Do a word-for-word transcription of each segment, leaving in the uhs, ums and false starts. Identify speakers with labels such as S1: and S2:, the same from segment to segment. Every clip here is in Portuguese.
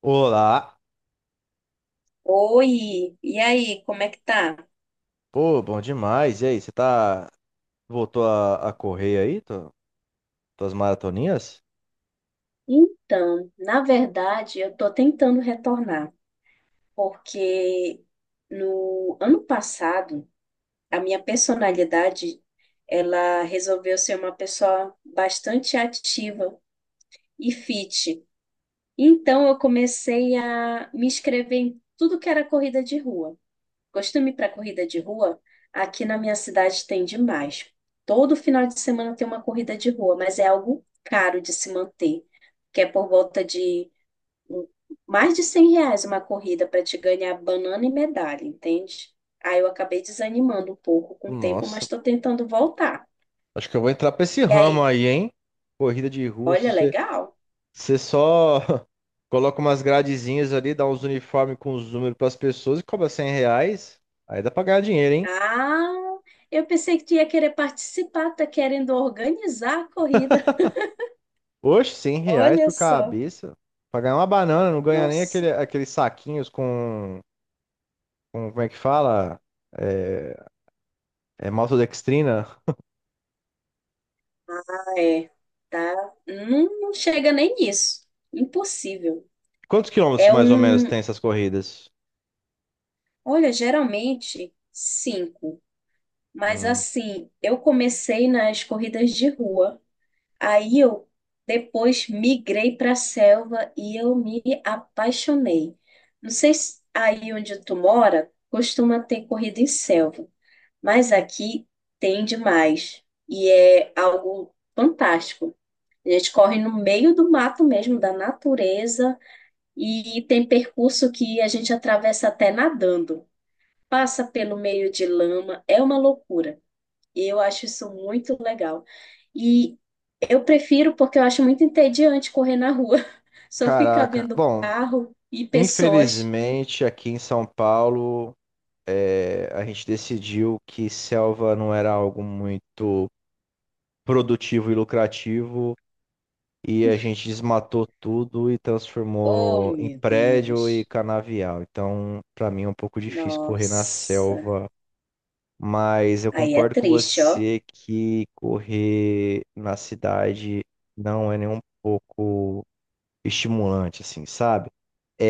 S1: Olá,
S2: Oi, e aí, como é que tá?
S1: pô, bom demais. E aí, você tá. Voltou a, a correr aí, tu- tuas maratoninhas?
S2: Então, na verdade, eu estou tentando retornar, porque no ano passado, a minha personalidade, ela resolveu ser uma pessoa bastante ativa e fit. Então, eu comecei a me inscrever em tudo que era corrida de rua. Costume para corrida de rua, aqui na minha cidade tem demais. Todo final de semana tem uma corrida de rua, mas é algo caro de se manter, que é por volta de hum, mais de cem reais uma corrida para te ganhar banana e medalha, entende? Aí eu acabei desanimando um pouco com o tempo,
S1: Nossa,
S2: mas estou tentando voltar.
S1: acho que eu vou entrar pra esse
S2: E
S1: ramo
S2: aí,
S1: aí, hein? Corrida de rua, se
S2: olha,
S1: você,
S2: legal.
S1: você só coloca umas gradezinhas ali, dá uns uniformes com os números pras pessoas e cobra cem reais. Aí dá pra ganhar dinheiro, hein?
S2: Ah, eu pensei que tu ia querer participar, tá querendo organizar a corrida.
S1: Oxe, cem reais
S2: Olha
S1: por
S2: só.
S1: cabeça. Pra ganhar uma banana, não ganha nem
S2: Nossa.
S1: aquele, aqueles saquinhos com, com. Como é que fala? É, é maltodextrina.
S2: É, tá? Não, não chega nem nisso. Impossível.
S1: Quantos quilômetros
S2: É
S1: mais ou menos
S2: um.
S1: tem essas corridas?
S2: Olha, geralmente cinco. Mas
S1: Hum,
S2: assim, eu comecei nas corridas de rua. Aí eu depois migrei para a selva e eu me apaixonei. Não sei se aí onde tu mora costuma ter corrida em selva, mas aqui tem demais. E é algo fantástico. A gente corre no meio do mato mesmo, da natureza, e tem percurso que a gente atravessa até nadando. Passa pelo meio de lama, é uma loucura. E eu acho isso muito legal. E eu prefiro porque eu acho muito entediante correr na rua. Só ficar
S1: Caraca.
S2: vendo
S1: Bom,
S2: carro e pessoas.
S1: infelizmente aqui em São Paulo é, a gente decidiu que selva não era algo muito produtivo e lucrativo e a gente desmatou tudo e
S2: Oh,
S1: transformou em
S2: meu
S1: prédio e
S2: Deus.
S1: canavial. Então, para mim é um pouco difícil correr na
S2: Nossa.
S1: selva, mas eu
S2: Aí é
S1: concordo com
S2: triste, ó.
S1: você que correr na cidade não é nem um pouco estimulante, assim, sabe?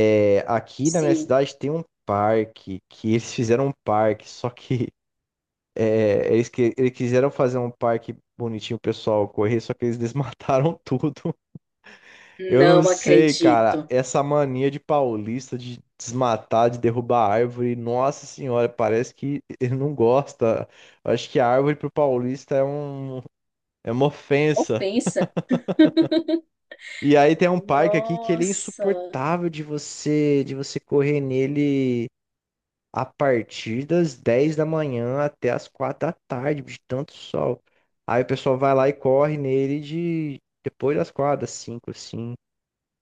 S1: É, aqui na minha
S2: Sim,
S1: cidade tem um parque que eles fizeram um parque, só que é, eles, que, eles quiseram fazer um parque bonitinho, o pessoal correr, só que eles desmataram tudo. Eu não
S2: não
S1: sei, cara,
S2: acredito.
S1: essa mania de paulista de desmatar, de derrubar árvore, nossa senhora, parece que ele não gosta. Eu Acho que a árvore pro paulista é um, é uma ofensa.
S2: Ofensa.
S1: E aí tem um parque aqui que ele é
S2: Nossa.
S1: insuportável de você, de você correr nele a partir das dez da manhã até as quatro da tarde, de tanto sol. Aí o pessoal vai lá e corre nele de depois das quatro, das cinco, assim.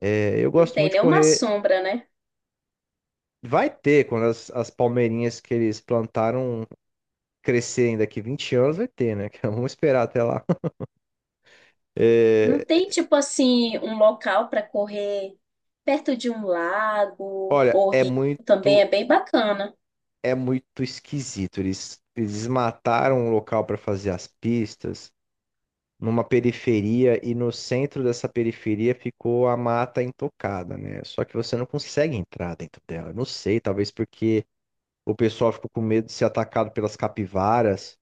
S1: É, eu
S2: Não
S1: gosto
S2: tem
S1: muito de
S2: nenhuma
S1: correr.
S2: sombra, né?
S1: Vai ter, quando as, as palmeirinhas que eles plantaram crescerem daqui vinte anos, vai ter, né? Vamos esperar até lá.
S2: Não
S1: É,
S2: tem, tipo assim, um local para correr perto de um lago
S1: olha,
S2: ou
S1: é
S2: rio. Também
S1: muito,
S2: é bem bacana.
S1: é muito esquisito. Eles, eles mataram o local para fazer as pistas. Numa periferia e no centro dessa periferia ficou a mata intocada, né? Só que você não consegue entrar dentro dela. Eu Não sei, talvez porque o pessoal ficou com medo de ser atacado pelas capivaras.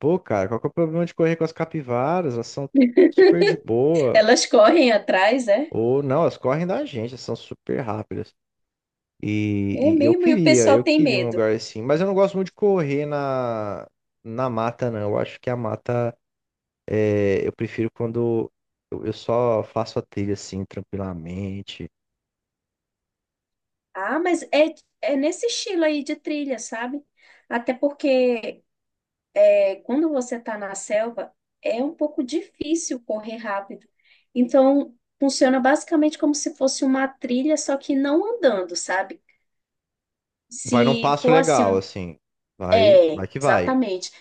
S1: Pô, cara, qual que é o problema de correr com as capivaras? Elas são super de boa.
S2: Elas correm atrás, é?
S1: Ou não, elas correm da gente, elas são super rápidas.
S2: É
S1: E, e eu
S2: mesmo, e o
S1: queria,
S2: pessoal
S1: eu
S2: tem
S1: queria um
S2: medo.
S1: lugar assim, mas eu não gosto muito de correr na, na mata, não. Eu acho que a mata. É, eu prefiro quando eu eu só faço a trilha assim, tranquilamente.
S2: Ah, mas é, é nesse estilo aí de trilha, sabe? Até porque é, quando você está na selva, é um pouco difícil correr rápido. Então, funciona basicamente como se fosse uma trilha, só que não andando, sabe?
S1: Vai num
S2: Se
S1: passo
S2: for assim
S1: legal,
S2: um...
S1: assim. Vai,
S2: É,
S1: vai que vai.
S2: exatamente.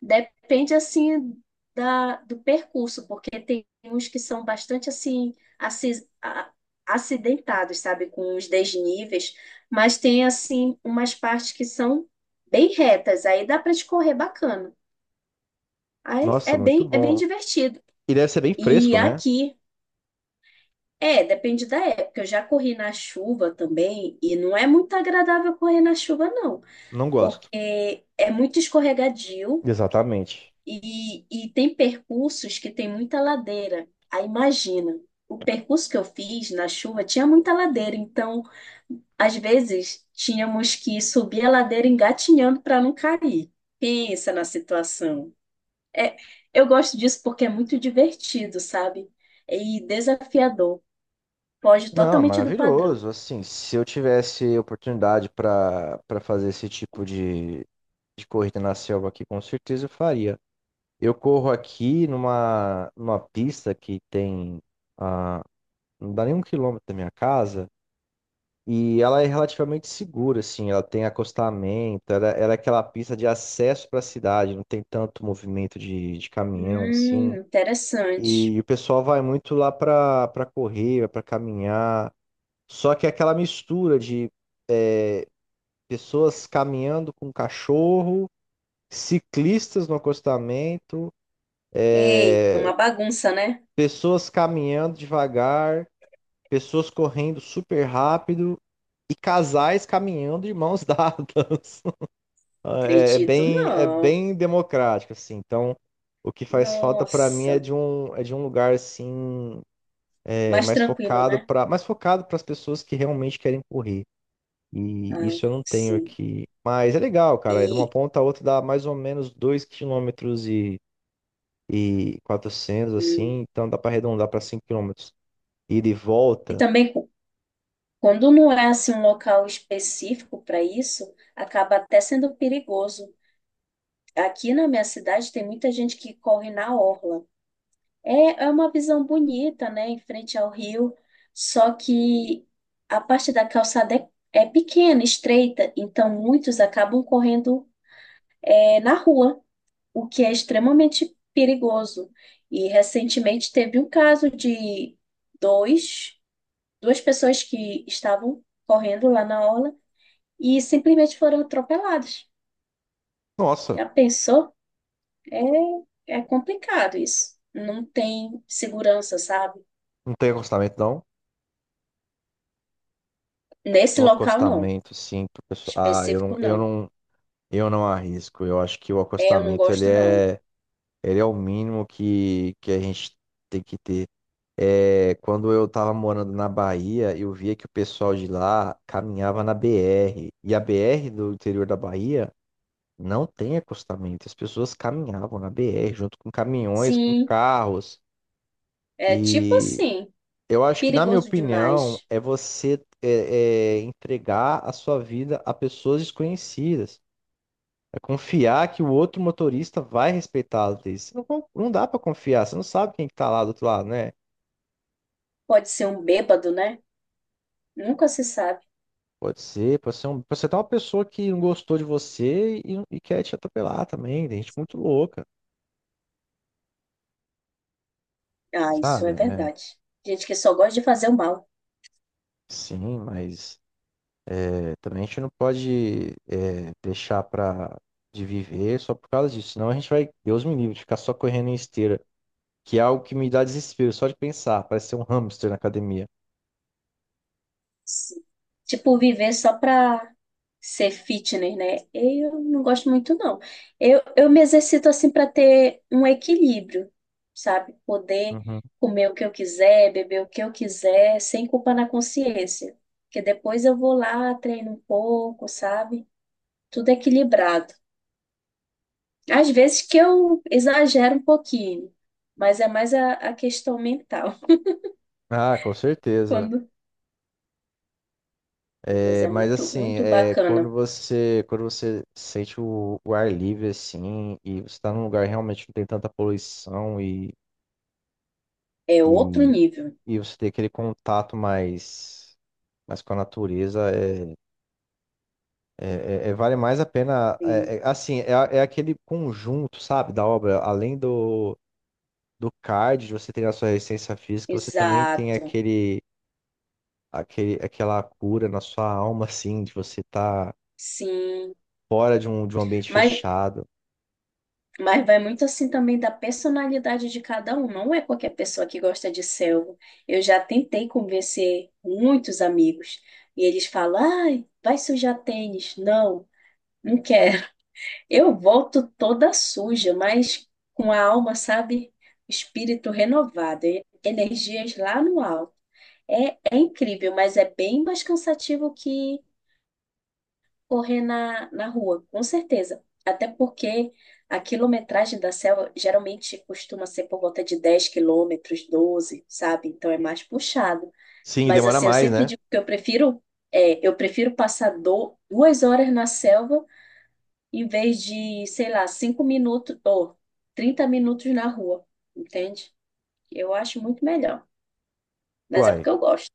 S2: Depende assim da, do percurso, porque tem uns que são bastante assim aci- a- acidentados, sabe, com os desníveis, mas tem assim umas partes que são bem retas, aí dá para escorrer bacana. Aí
S1: Nossa,
S2: é
S1: muito
S2: bem é bem
S1: bom.
S2: divertido.
S1: E deve ser bem
S2: E
S1: fresco, né?
S2: aqui é, depende da época. Eu já corri na chuva também e não é muito agradável correr na chuva, não,
S1: Não gosto.
S2: porque é muito escorregadio.
S1: Exatamente.
S2: E, e tem percursos que tem muita ladeira. Aí imagina, o percurso que eu fiz na chuva tinha muita ladeira, então às vezes tínhamos que subir a ladeira engatinhando para não cair. Pensa na situação. É, eu gosto disso porque é muito divertido, sabe? E desafiador. Foge
S1: Não,
S2: totalmente do padrão.
S1: maravilhoso. Assim, se eu tivesse oportunidade para para fazer esse tipo de, de corrida na selva aqui, com certeza eu faria. Eu corro aqui numa, numa pista que tem, ah, não dá nem um quilômetro da minha casa. E ela é relativamente segura, assim, ela tem acostamento, ela, ela é aquela pista de acesso para a cidade, não tem tanto movimento de, de caminhão, assim.
S2: Hum, interessante.
S1: E o pessoal vai muito lá para para correr, para caminhar. Só que é aquela mistura de pessoas caminhando com cachorro, ciclistas no acostamento,
S2: Ei, uma bagunça, né?
S1: pessoas caminhando devagar, pessoas correndo super rápido e casais caminhando de mãos dadas. Ah, É, é
S2: Acredito.
S1: bem, é
S2: Não.
S1: bem democrático, assim. Então, o que faz falta para mim
S2: Nossa,
S1: é de um, é de um lugar assim, é,
S2: mais
S1: mais
S2: tranquilo, né?
S1: focado para, mais focado para as pessoas que realmente querem correr. E
S2: Ah,
S1: isso eu não tenho
S2: sim.
S1: aqui. Mas é legal, cara. É de uma
S2: E,
S1: ponta a outra dá mais ou menos dois quilômetros e, e quatrocentos
S2: hum,
S1: assim. Então dá para arredondar para cinco quilômetros. Ida e
S2: e
S1: volta.
S2: também, cu- quando não é assim um local específico para isso, acaba até sendo perigoso. Aqui na minha cidade tem muita gente que corre na orla. É, é uma visão bonita, né, em frente ao rio, só que a parte da calçada é, é pequena, estreita, então muitos acabam correndo é, na rua, o que é extremamente perigoso. E recentemente teve um caso de dois duas pessoas que estavam correndo lá na orla e simplesmente foram atropeladas.
S1: Nossa,
S2: Já pensou? É, é, complicado isso. Não tem segurança, sabe?
S1: não tem acostamento, não?
S2: Nesse
S1: Um
S2: local, não.
S1: acostamento, sim. Pro pessoal. Ah, eu não,
S2: Específico,
S1: eu
S2: não.
S1: não. Eu não arrisco. Eu acho que o
S2: É, eu não
S1: acostamento ele
S2: gosto, não.
S1: é, ele é o mínimo que, que a gente tem que ter. É, quando eu tava morando na Bahia, eu via que o pessoal de lá caminhava na B R. E a B R do interior da Bahia não tem acostamento. As pessoas caminhavam na B R junto com caminhões, com
S2: Sim,
S1: carros.
S2: é tipo
S1: E
S2: assim,
S1: eu acho que, na minha
S2: perigoso
S1: opinião,
S2: demais.
S1: é você é, é, entregar a sua vida a pessoas desconhecidas. É confiar que o outro motorista vai respeitá-lo. Thaís, você não, con- não dá pra confiar, você não sabe quem que tá lá do outro lado, né?
S2: Pode ser um bêbado, né? Nunca se sabe.
S1: Pode ser, pode ser, um, pode ser até uma pessoa que não gostou de você e, e quer te atropelar também. Tem gente muito louca,
S2: Ah, isso
S1: sabe?
S2: é
S1: É,
S2: verdade. Gente que só gosta de fazer o mal.
S1: sim, mas é, também a gente não pode é, deixar pra, de viver só por causa disso. Senão a gente vai, Deus me livre, de ficar só correndo em esteira, que é algo que me dá desespero só de pensar. Parece ser um hamster na academia.
S2: Sim. Tipo, viver só pra ser fitness, né? Eu não gosto muito, não. Eu, eu me exercito assim pra ter um equilíbrio, sabe? Poder
S1: Uhum.
S2: comer o que eu quiser, beber o que eu quiser, sem culpa na consciência. Porque depois eu vou lá, treino um pouco, sabe? Tudo equilibrado. Às vezes que eu exagero um pouquinho, mas é mais a, a questão mental.
S1: Ah, com certeza.
S2: Quando... Mas
S1: É,
S2: é
S1: mas
S2: muito,
S1: assim,
S2: muito
S1: é, quando
S2: bacana.
S1: você quando você sente o, o ar livre assim e você está num lugar realmente que não tem tanta poluição e,
S2: É outro
S1: e,
S2: nível.
S1: e você tem aquele contato mais, mais com a natureza, é, é- é- é- vale mais a pena. é- é- assim, é, a- é aquele conjunto, sabe, da obra. Além do, do cardio, você tem a sua resistência física, você também tem
S2: Exato,
S1: aquele, aquele, aquela cura na sua alma, assim, de você estar
S2: sim.
S1: fora de um, de um ambiente
S2: Mas,
S1: fechado.
S2: mas vai muito assim também da personalidade de cada um. Não é qualquer pessoa que gosta de selva. Eu já tentei convencer muitos amigos e eles falam: ai, vai sujar tênis. Não, não quero. Eu volto toda suja, mas com a alma, sabe? Espírito renovado, e- energias lá no alto. É, é incrível, mas é bem mais cansativo que correr na, na rua, com certeza. Até porque a quilometragem da selva geralmente costuma ser por volta de dez quilômetros, doze, sabe? Então é mais puxado.
S1: Sim, e
S2: Mas
S1: demora
S2: assim, eu
S1: mais,
S2: sempre
S1: né?
S2: digo que eu prefiro, é, eu prefiro passar do, duas horas na selva em vez de, sei lá, cinco minutos ou trinta minutos na rua, entende? Eu acho muito melhor. Mas é
S1: Uai,
S2: porque eu gosto.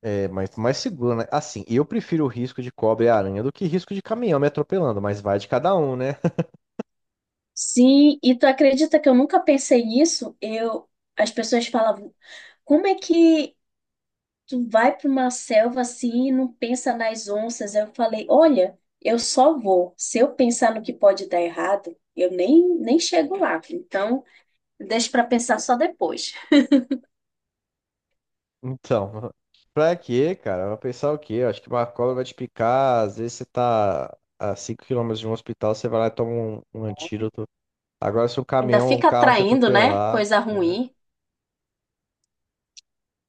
S1: é mais, mais seguro, né? Assim, eu prefiro o risco de cobra e aranha do que risco de caminhão me atropelando, mas vai de cada um, né?
S2: Sim, e tu acredita que eu nunca pensei nisso? Eu, as pessoas falavam, como é que tu vai para uma selva assim e não pensa nas onças. Aí eu falei, olha, eu só vou. Se eu pensar no que pode dar errado, eu nem, nem chego lá. Então, deixa para pensar só depois.
S1: Então, pra quê, cara? Vai pensar o quê? Eu acho que uma cobra vai te picar, às vezes você tá a cinco quilômetros de um hospital, você vai lá e toma um, um antídoto. Agora, se um
S2: Ainda
S1: caminhão ou um
S2: fica
S1: carro te
S2: atraindo, né?
S1: atropelar.
S2: Coisa ruim.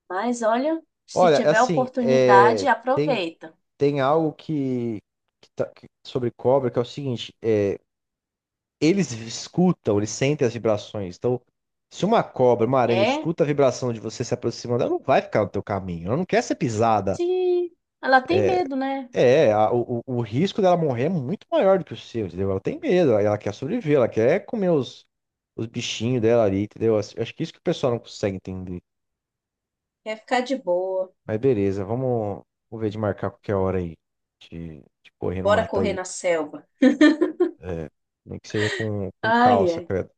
S2: Mas olha, se
S1: Olha,
S2: tiver
S1: assim, é,
S2: oportunidade,
S1: tem,
S2: aproveita.
S1: tem algo que, que tá- que- sobre cobra que é o seguinte: é, Eles escutam, eles sentem as vibrações. Então, se uma cobra, uma aranha
S2: É,
S1: escuta a vibração de você se aproximando, ela não vai ficar no teu caminho. Ela não quer ser pisada.
S2: se ela tem medo, né?
S1: É, a- o, o o risco dela morrer é muito maior do que o seu, entendeu? Ela tem medo, ela ela quer sobreviver, ela quer comer os, os bichinhos dela ali, entendeu? Acho acho que isso que o pessoal não consegue entender.
S2: Quer ficar de boa.
S1: Mas beleza, vamos, vamos ver de marcar qualquer hora aí. De, de correr no
S2: Bora
S1: mato
S2: correr
S1: aí.
S2: na selva.
S1: É, nem que seja com, com
S2: Ai,
S1: calça,
S2: ai.
S1: credo.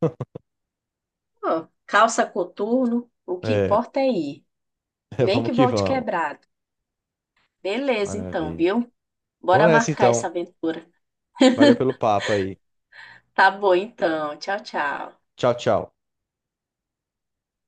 S2: Ó, calça coturno, o que
S1: É,
S2: importa é ir. Nem
S1: vamos
S2: que
S1: que
S2: volte
S1: vamos.
S2: quebrado. Beleza, então,
S1: Maravilha.
S2: viu?
S1: Vou
S2: Bora
S1: nessa
S2: marcar essa
S1: então.
S2: aventura.
S1: Valeu pelo papo aí.
S2: Tá bom, então. Tchau, tchau.
S1: Tchau, tchau.